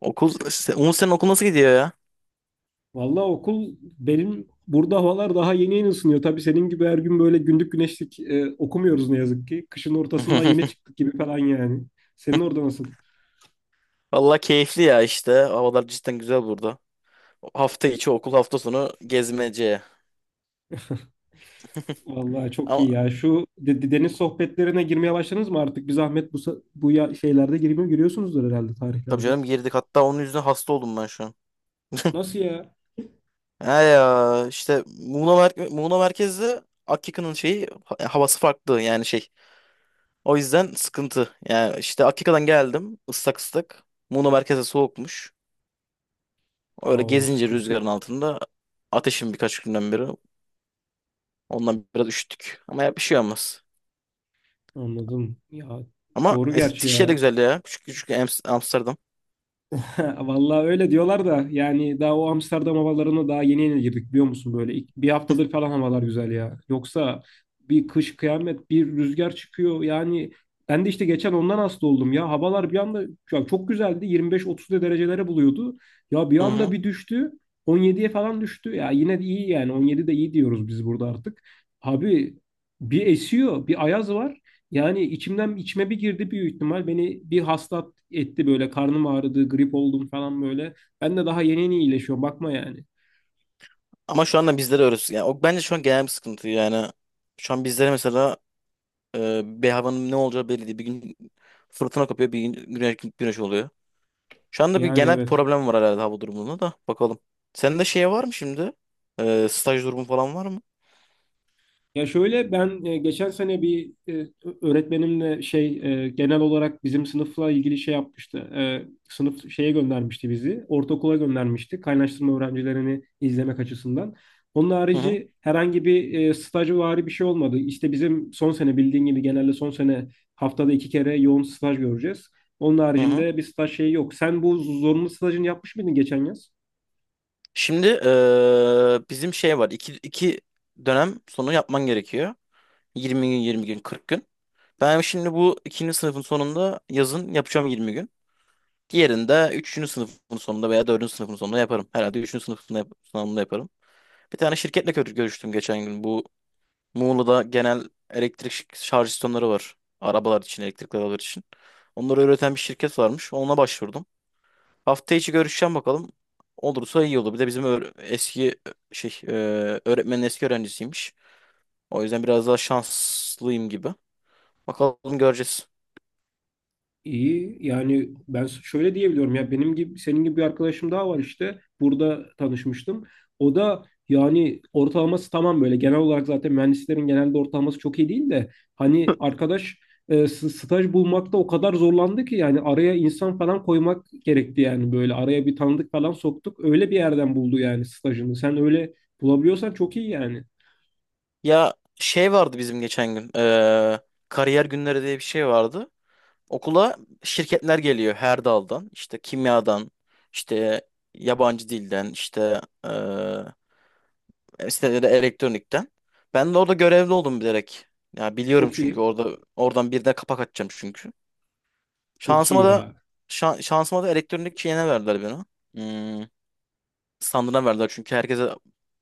Okul, se- Umut senin okul nasıl gidiyor ya? Vallahi okul benim burada havalar daha yeni yeni ısınıyor. Tabii senin gibi her gün böyle gündük güneşlik okumuyoruz ne yazık ki. Kışın ortasından yeni çıktık gibi falan yani. Senin orada nasıl? Vallahi keyifli ya işte. Havalar cidden güzel burada. Hafta içi okul, hafta sonu gezmece. Vallahi çok iyi Ama ya. Şu deniz sohbetlerine girmeye başladınız mı artık? Bir zahmet bu şeylerde girmiyor, giriyorsunuzdur herhalde tabii tarihlerde. canım girdik. Hatta onun yüzünden hasta oldum ben şu an. Nasıl ya? He ya işte Muğla, mer Muğla merkezde Akika'nın şeyi ha- havası farklı yani şey. O yüzden sıkıntı. Yani işte Akika'dan geldim ıslak ıslak. Muğla merkeze soğukmuş. Öyle Oo gezince sıkıntı. rüzgarın altında ateşim birkaç günden beri. Ondan biraz üşüttük. Ama ya bir şey olmaz. Anladım. Ya Ama doğru gerçi Eskişehir de ya. güzeldi ya. Küçük küçük Ams- Amsterdam. Vallahi öyle diyorlar da yani daha o Amsterdam havalarına daha yeni yeni girdik biliyor musun böyle bir haftadır falan havalar güzel ya. Yoksa bir kış kıyamet bir rüzgar çıkıyor yani ben de işte geçen ondan hasta oldum ya havalar bir anda ya çok güzeldi 25-30 derecelere buluyordu ya bir Hı anda hı. bir düştü 17'ye falan düştü ya yine de iyi yani 17 de iyi diyoruz biz burada artık. Abi bir esiyor bir ayaz var yani içimden içime bir girdi büyük ihtimal. Beni bir hasta etti böyle karnım ağrıdı, grip oldum falan böyle. Ben de daha yeni yeni iyileşiyorum bakma yani. Ama şu anda bizlere öğretiyor. Yani o bence şu an genel bir sıkıntı yani. Şu an bizlere mesela bir havanın ne olacağı belli değil. Bir gün fırtına kopuyor, bir gün güneş, oluyor. Şu anda bir Yani genel bir evet. problem var herhalde hava durumunda da. Bakalım. Senin de şey var mı şimdi? Staj durumu falan var mı? Ya şöyle ben geçen sene bir öğretmenimle şey genel olarak bizim sınıfla ilgili şey yapmıştı. Sınıf şeye göndermişti bizi. Ortaokula göndermişti. Kaynaştırma öğrencilerini izlemek açısından. Onun Hı hı. harici herhangi bir stajvari bir şey olmadı. İşte bizim son sene bildiğin gibi genelde son sene haftada iki kere yoğun staj göreceğiz. Onun Hı hı. haricinde bir staj şeyi yok. Sen bu zorunlu stajını yapmış mıydın geçen yaz? Şimdi bizim şey var. İki dönem sonu yapman gerekiyor. 20 gün, 20 gün, 40 gün. Ben şimdi bu ikinci sınıfın sonunda yazın yapacağım 20 gün. Diğerini de üçüncü sınıfın sonunda veya dördüncü sınıfın sonunda yaparım. Herhalde üçüncü sınıfın yap- sonunda yaparım. Bir tane şirketle gör- görüştüm geçen gün. Bu Muğla'da genel elektrik ş- şarj istasyonları var. Arabalar için, elektrikli arabalar için. Onları üreten bir şirket varmış. Ona başvurdum. Hafta içi görüşeceğim bakalım. Olursa iyi olur. Bir de bizim öğ- eski e, şey e, öğretmenin eski öğrencisiymiş. O yüzden biraz daha şanslıyım gibi. Bakalım göreceğiz. İyi yani ben şöyle diyebiliyorum ya benim gibi senin gibi bir arkadaşım daha var işte burada tanışmıştım. O da yani ortalaması tamam böyle genel olarak zaten mühendislerin genelde ortalaması çok iyi değil de hani arkadaş staj bulmakta o kadar zorlandı ki yani araya insan falan koymak gerekti yani böyle araya bir tanıdık falan soktuk öyle bir yerden buldu yani stajını. Sen öyle bulabiliyorsan çok iyi yani. Ya şey vardı bizim geçen gün. Kariyer günleri diye bir şey vardı. Okula şirketler geliyor her daldan. İşte kimyadan, işte yabancı dilden, işte işte de elektronikten. Ben de orada görevli oldum bilerek. Ya biliyorum Çok çünkü iyi. orada oradan birine kapak atacağım çünkü. Çok iyi Şansıma da ya. şa- şansıma da elektronik şeyine verdiler beni. Hmm, Standına verdiler çünkü herkese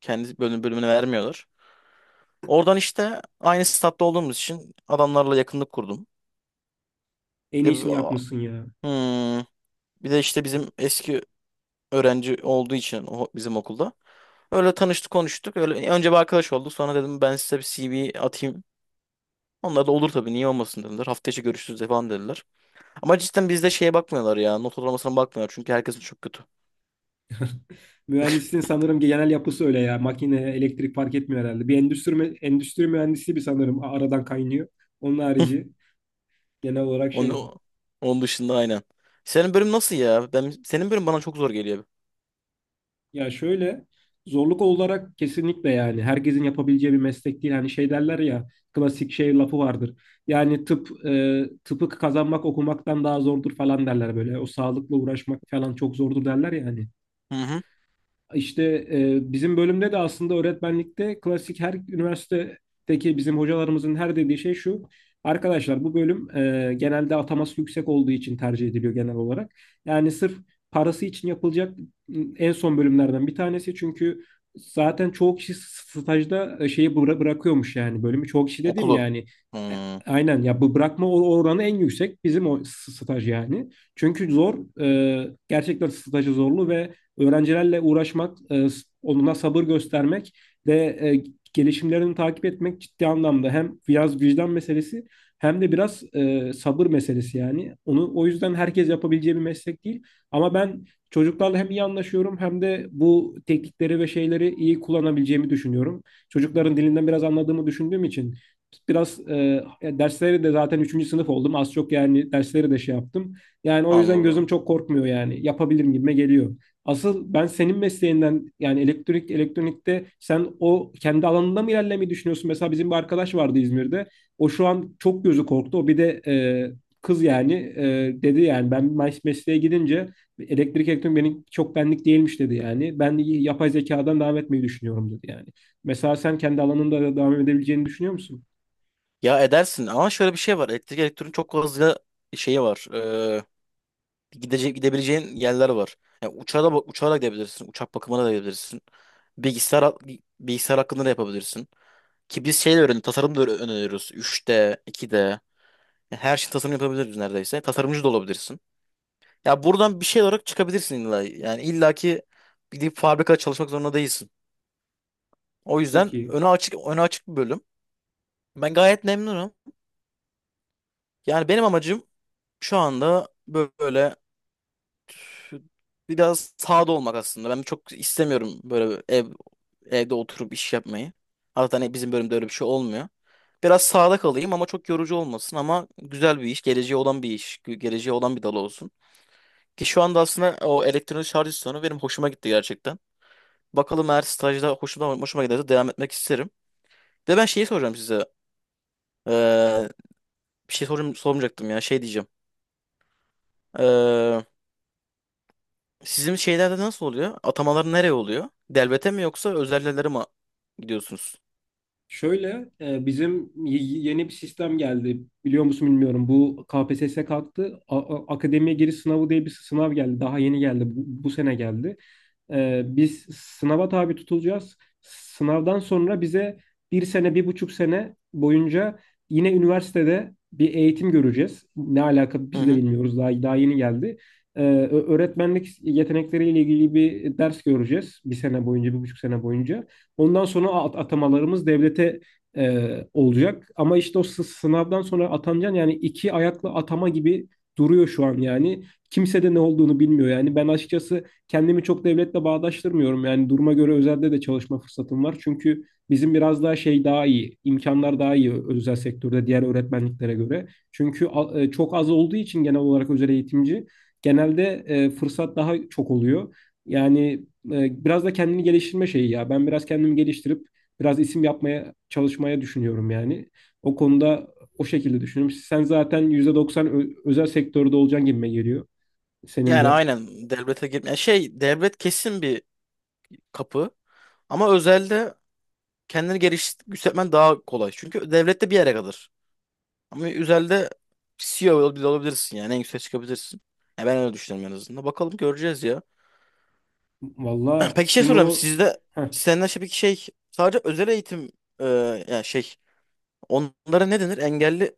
kendi bölümünü vermiyorlar. Oradan işte aynı statta olduğumuz için adamlarla yakınlık kurdum. En Bir de, bir iyisini yapmışsın ya. Hmm. Bir de işte bizim eski öğrenci olduğu için o- bizim okulda. Öyle tanıştık konuştuk. Öyle önce bir arkadaş olduk. Sonra dedim ben size bir CV atayım. Onlar da olur tabii niye olmasın dediler. Hafta içi görüşürüz falan dediler. Ama cidden bizde şeye bakmıyorlar ya. Not ortalamasına bakmıyorlar. Çünkü herkesin çok kötü. Mühendisliğin sanırım genel yapısı öyle ya. Makine, elektrik fark etmiyor herhalde. Bir endüstri mühendisi bir sanırım aradan kaynıyor. Onun harici genel olarak şey. Onun, onun dışında aynen. Senin bölüm nasıl ya? Ben, senin bölüm bana çok zor geliyor. Ya şöyle zorluk olarak kesinlikle yani herkesin yapabileceği bir meslek değil. Hani şey derler ya klasik şey lafı vardır. Yani tıpı kazanmak okumaktan daha zordur falan derler böyle. O sağlıkla uğraşmak falan çok zordur derler yani. Hı hı. İşte bizim bölümde de aslında öğretmenlikte klasik her üniversitedeki bizim hocalarımızın her dediği şey şu. Arkadaşlar bu bölüm genelde ataması yüksek olduğu için tercih ediliyor genel olarak. Yani sırf parası için yapılacak en son bölümlerden bir tanesi. Çünkü zaten çoğu kişi stajda şeyi bırakıyormuş yani bölümü. Çoğu kişi dediğim Okulu. yani e, Hmm, aynen ya bu bırakma oranı en yüksek bizim o staj yani. Çünkü zor gerçekten stajı zorlu ve öğrencilerle uğraşmak, onlara sabır göstermek ve gelişimlerini takip etmek ciddi anlamda hem biraz vicdan meselesi hem de biraz sabır meselesi yani. Onu o yüzden herkes yapabileceği bir meslek değil. Ama ben çocuklarla hem iyi anlaşıyorum hem de bu teknikleri ve şeyleri iyi kullanabileceğimi düşünüyorum. Çocukların dilinden biraz anladığımı düşündüğüm için biraz dersleri de zaten üçüncü sınıf oldum. Az çok yani dersleri de şey yaptım. Yani o yüzden gözüm anladım. çok korkmuyor yani. Yapabilirim gibime geliyor. Asıl ben senin mesleğinden yani elektrik elektronikte sen o kendi alanında mı ilerlemeyi düşünüyorsun? Mesela bizim bir arkadaş vardı İzmir'de. O şu an çok gözü korktu. O bir de kız yani dedi yani ben mesleğe gidince elektrik elektronik benim çok benlik değilmiş dedi yani. Ben yapay zekadan devam etmeyi düşünüyorum dedi yani. Mesela sen kendi alanında da devam edebileceğini düşünüyor musun? Ya edersin ama şöyle bir şey var. Elektrik elektronik çok fazla şeyi var. Gidecek gidebileceğin yerler var. Yani uçağa da, uçağa da gidebilirsin. Uçak bakımına da gidebilirsin. Bilgisayar Bilgisayar hakkında da yapabilirsin. Ki biz şey de öğren tasarım da öğren- öğreniyoruz. 3D, 2D. Yani her şey tasarım yapabiliriz neredeyse. Tasarımcı da olabilirsin. Ya buradan bir şey olarak çıkabilirsin illa. Yani illaki gidip fabrikada çalışmak zorunda değilsin. O Çok yüzden iyi. öne açık öne açık bir bölüm. Ben gayet memnunum. Yani benim amacım şu anda böyle biraz sağda olmak aslında. Ben çok istemiyorum böyle evde oturup iş yapmayı. Zaten hani bizim bölümde öyle bir şey olmuyor. Biraz sağda kalayım ama çok yorucu olmasın ama güzel bir iş, geleceği olan bir iş, gü- geleceği olan bir dal olsun. Ki şu anda aslında o elektronik şarj istasyonu benim hoşuma gitti gerçekten. Bakalım eğer stajda hoşuma giderse devam etmek isterim. Bir de ben şeyi soracağım size. Ee, Bir şey sorum, sormayacaktım ya şey diyeceğim. Sizin şeylerde nasıl oluyor? Atamalar nereye oluyor? Devlete mi yoksa özellere mi gidiyorsunuz? Şöyle bizim yeni bir sistem geldi. Biliyor musun bilmiyorum. Bu KPSS kalktı. Akademiye giriş sınavı diye bir sınav geldi. Daha yeni geldi. Bu sene geldi. Biz sınava tabi tutulacağız. Sınavdan sonra bize bir sene, bir buçuk sene boyunca yine üniversitede bir eğitim göreceğiz. Ne alaka Hı biz de hı. bilmiyoruz. Daha yeni geldi. Öğretmenlik yetenekleriyle ilgili bir ders göreceğiz. Bir sene boyunca, bir buçuk sene boyunca. Ondan sonra atamalarımız devlete e, olacak. Ama işte o sınavdan sonra atanacaksın yani iki ayaklı atama gibi duruyor şu an yani. Kimse de ne olduğunu bilmiyor yani. Ben açıkçası kendimi çok devletle bağdaştırmıyorum. Yani duruma göre özelde de çalışma fırsatım var. Çünkü bizim biraz daha şey daha iyi, imkanlar daha iyi özel sektörde diğer öğretmenliklere göre. Çünkü çok az olduğu için genel olarak özel eğitimci genelde fırsat daha çok oluyor. Yani biraz da kendini geliştirme şeyi ya. Ben biraz kendimi geliştirip biraz isim yapmaya çalışmaya düşünüyorum yani. O konuda o şekilde düşünüyorum. Sen zaten %90 özel sektörde olacaksın gibime geliyor. Senin Yani de. aynen devlete girme. Yani şey, devlet kesin bir kapı ama özelde kendini geliştirmen daha kolay. Çünkü devlette bir yere kadar. Ama üzerinde CEO bile olabilirsin yani. En yükseğe çıkabilirsin. Ya ben öyle düşünüyorum en azından. Bakalım göreceğiz ya. Valla Peki şey sizin o sorayım. Sizde heh, senden şey bir şey, sadece özel eğitim e, yani şey, onlara ne denir? Engelli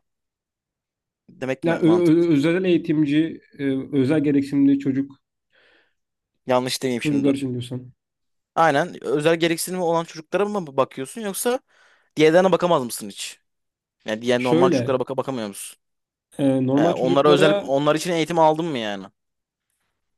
demek ya mi mantıklı? Özel eğitimci, özel gereksinimli Yanlış demeyeyim şimdi. çocuklar için diyorsan. Aynen. Özel gereksinimi olan çocuklara mı bakıyorsun yoksa diğerlerine bakamaz mısın hiç? Yani diğer normal Şöyle, çocuklara baka bakamıyor musun? Yani normal onlara özel, çocuklara onlar için eğitim aldın mı yani?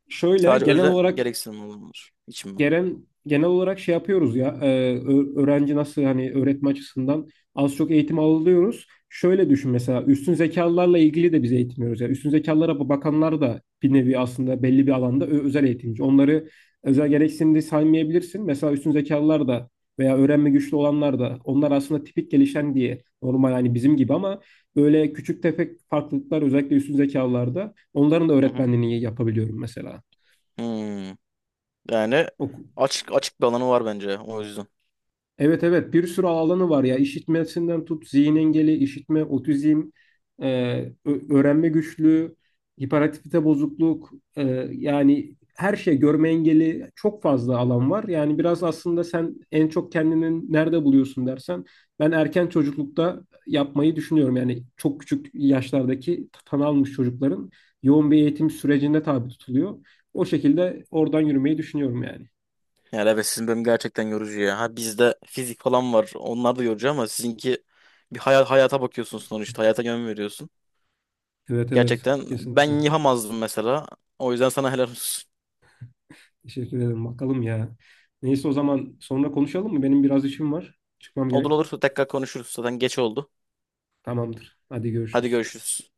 şöyle Sadece genel özel olarak gereksinim olanlar için mi? genel şey yapıyoruz ya öğrenci nasıl hani öğretme açısından az çok eğitim alıyoruz. Şöyle düşün mesela üstün zekalılarla ilgili de biz eğitim veriyoruz. Yani üstün zekalara bakanlar da bir nevi aslında belli bir alanda özel eğitimci. Onları özel gereksinimde saymayabilirsin. Mesela üstün zekalılar da veya öğrenme güçlü olanlar da onlar aslında tipik gelişen diye normal hani bizim gibi ama böyle küçük tefek farklılıklar özellikle üstün zekalılarda onların da Hı hı. öğretmenliğini yapabiliyorum mesela. Hmm. Yani açık açık bir alanı var bence o yüzden. Evet evet bir sürü alanı var ya işitmesinden tut zihin engeli, işitme, otizm, e, öğrenme güçlüğü, hiperaktivite bozukluk e, yani her şey görme engeli çok fazla alan var. Yani biraz aslında sen en çok kendini nerede buluyorsun dersen ben erken çocuklukta yapmayı düşünüyorum. Yani çok küçük yaşlardaki tan almış çocukların yoğun bir eğitim sürecine tabi tutuluyor. O şekilde oradan yürümeyi düşünüyorum yani. Yani evet sizin bölüm gerçekten yorucu ya. Ha bizde fizik falan var. Onlar da yorucu ama sizinki bir hayata bakıyorsun sonuçta. Hayata yön veriyorsun. Evet evet Gerçekten ben kesinlikle. yapamazdım mesela. O yüzden sana helal olsun. Teşekkür ederim. Bakalım ya. Neyse o zaman sonra konuşalım mı? Benim biraz işim var. Çıkmam Olur olur gerek. tekrar konuşuruz. Zaten geç oldu. Tamamdır. Hadi Hadi görüşürüz. görüşürüz.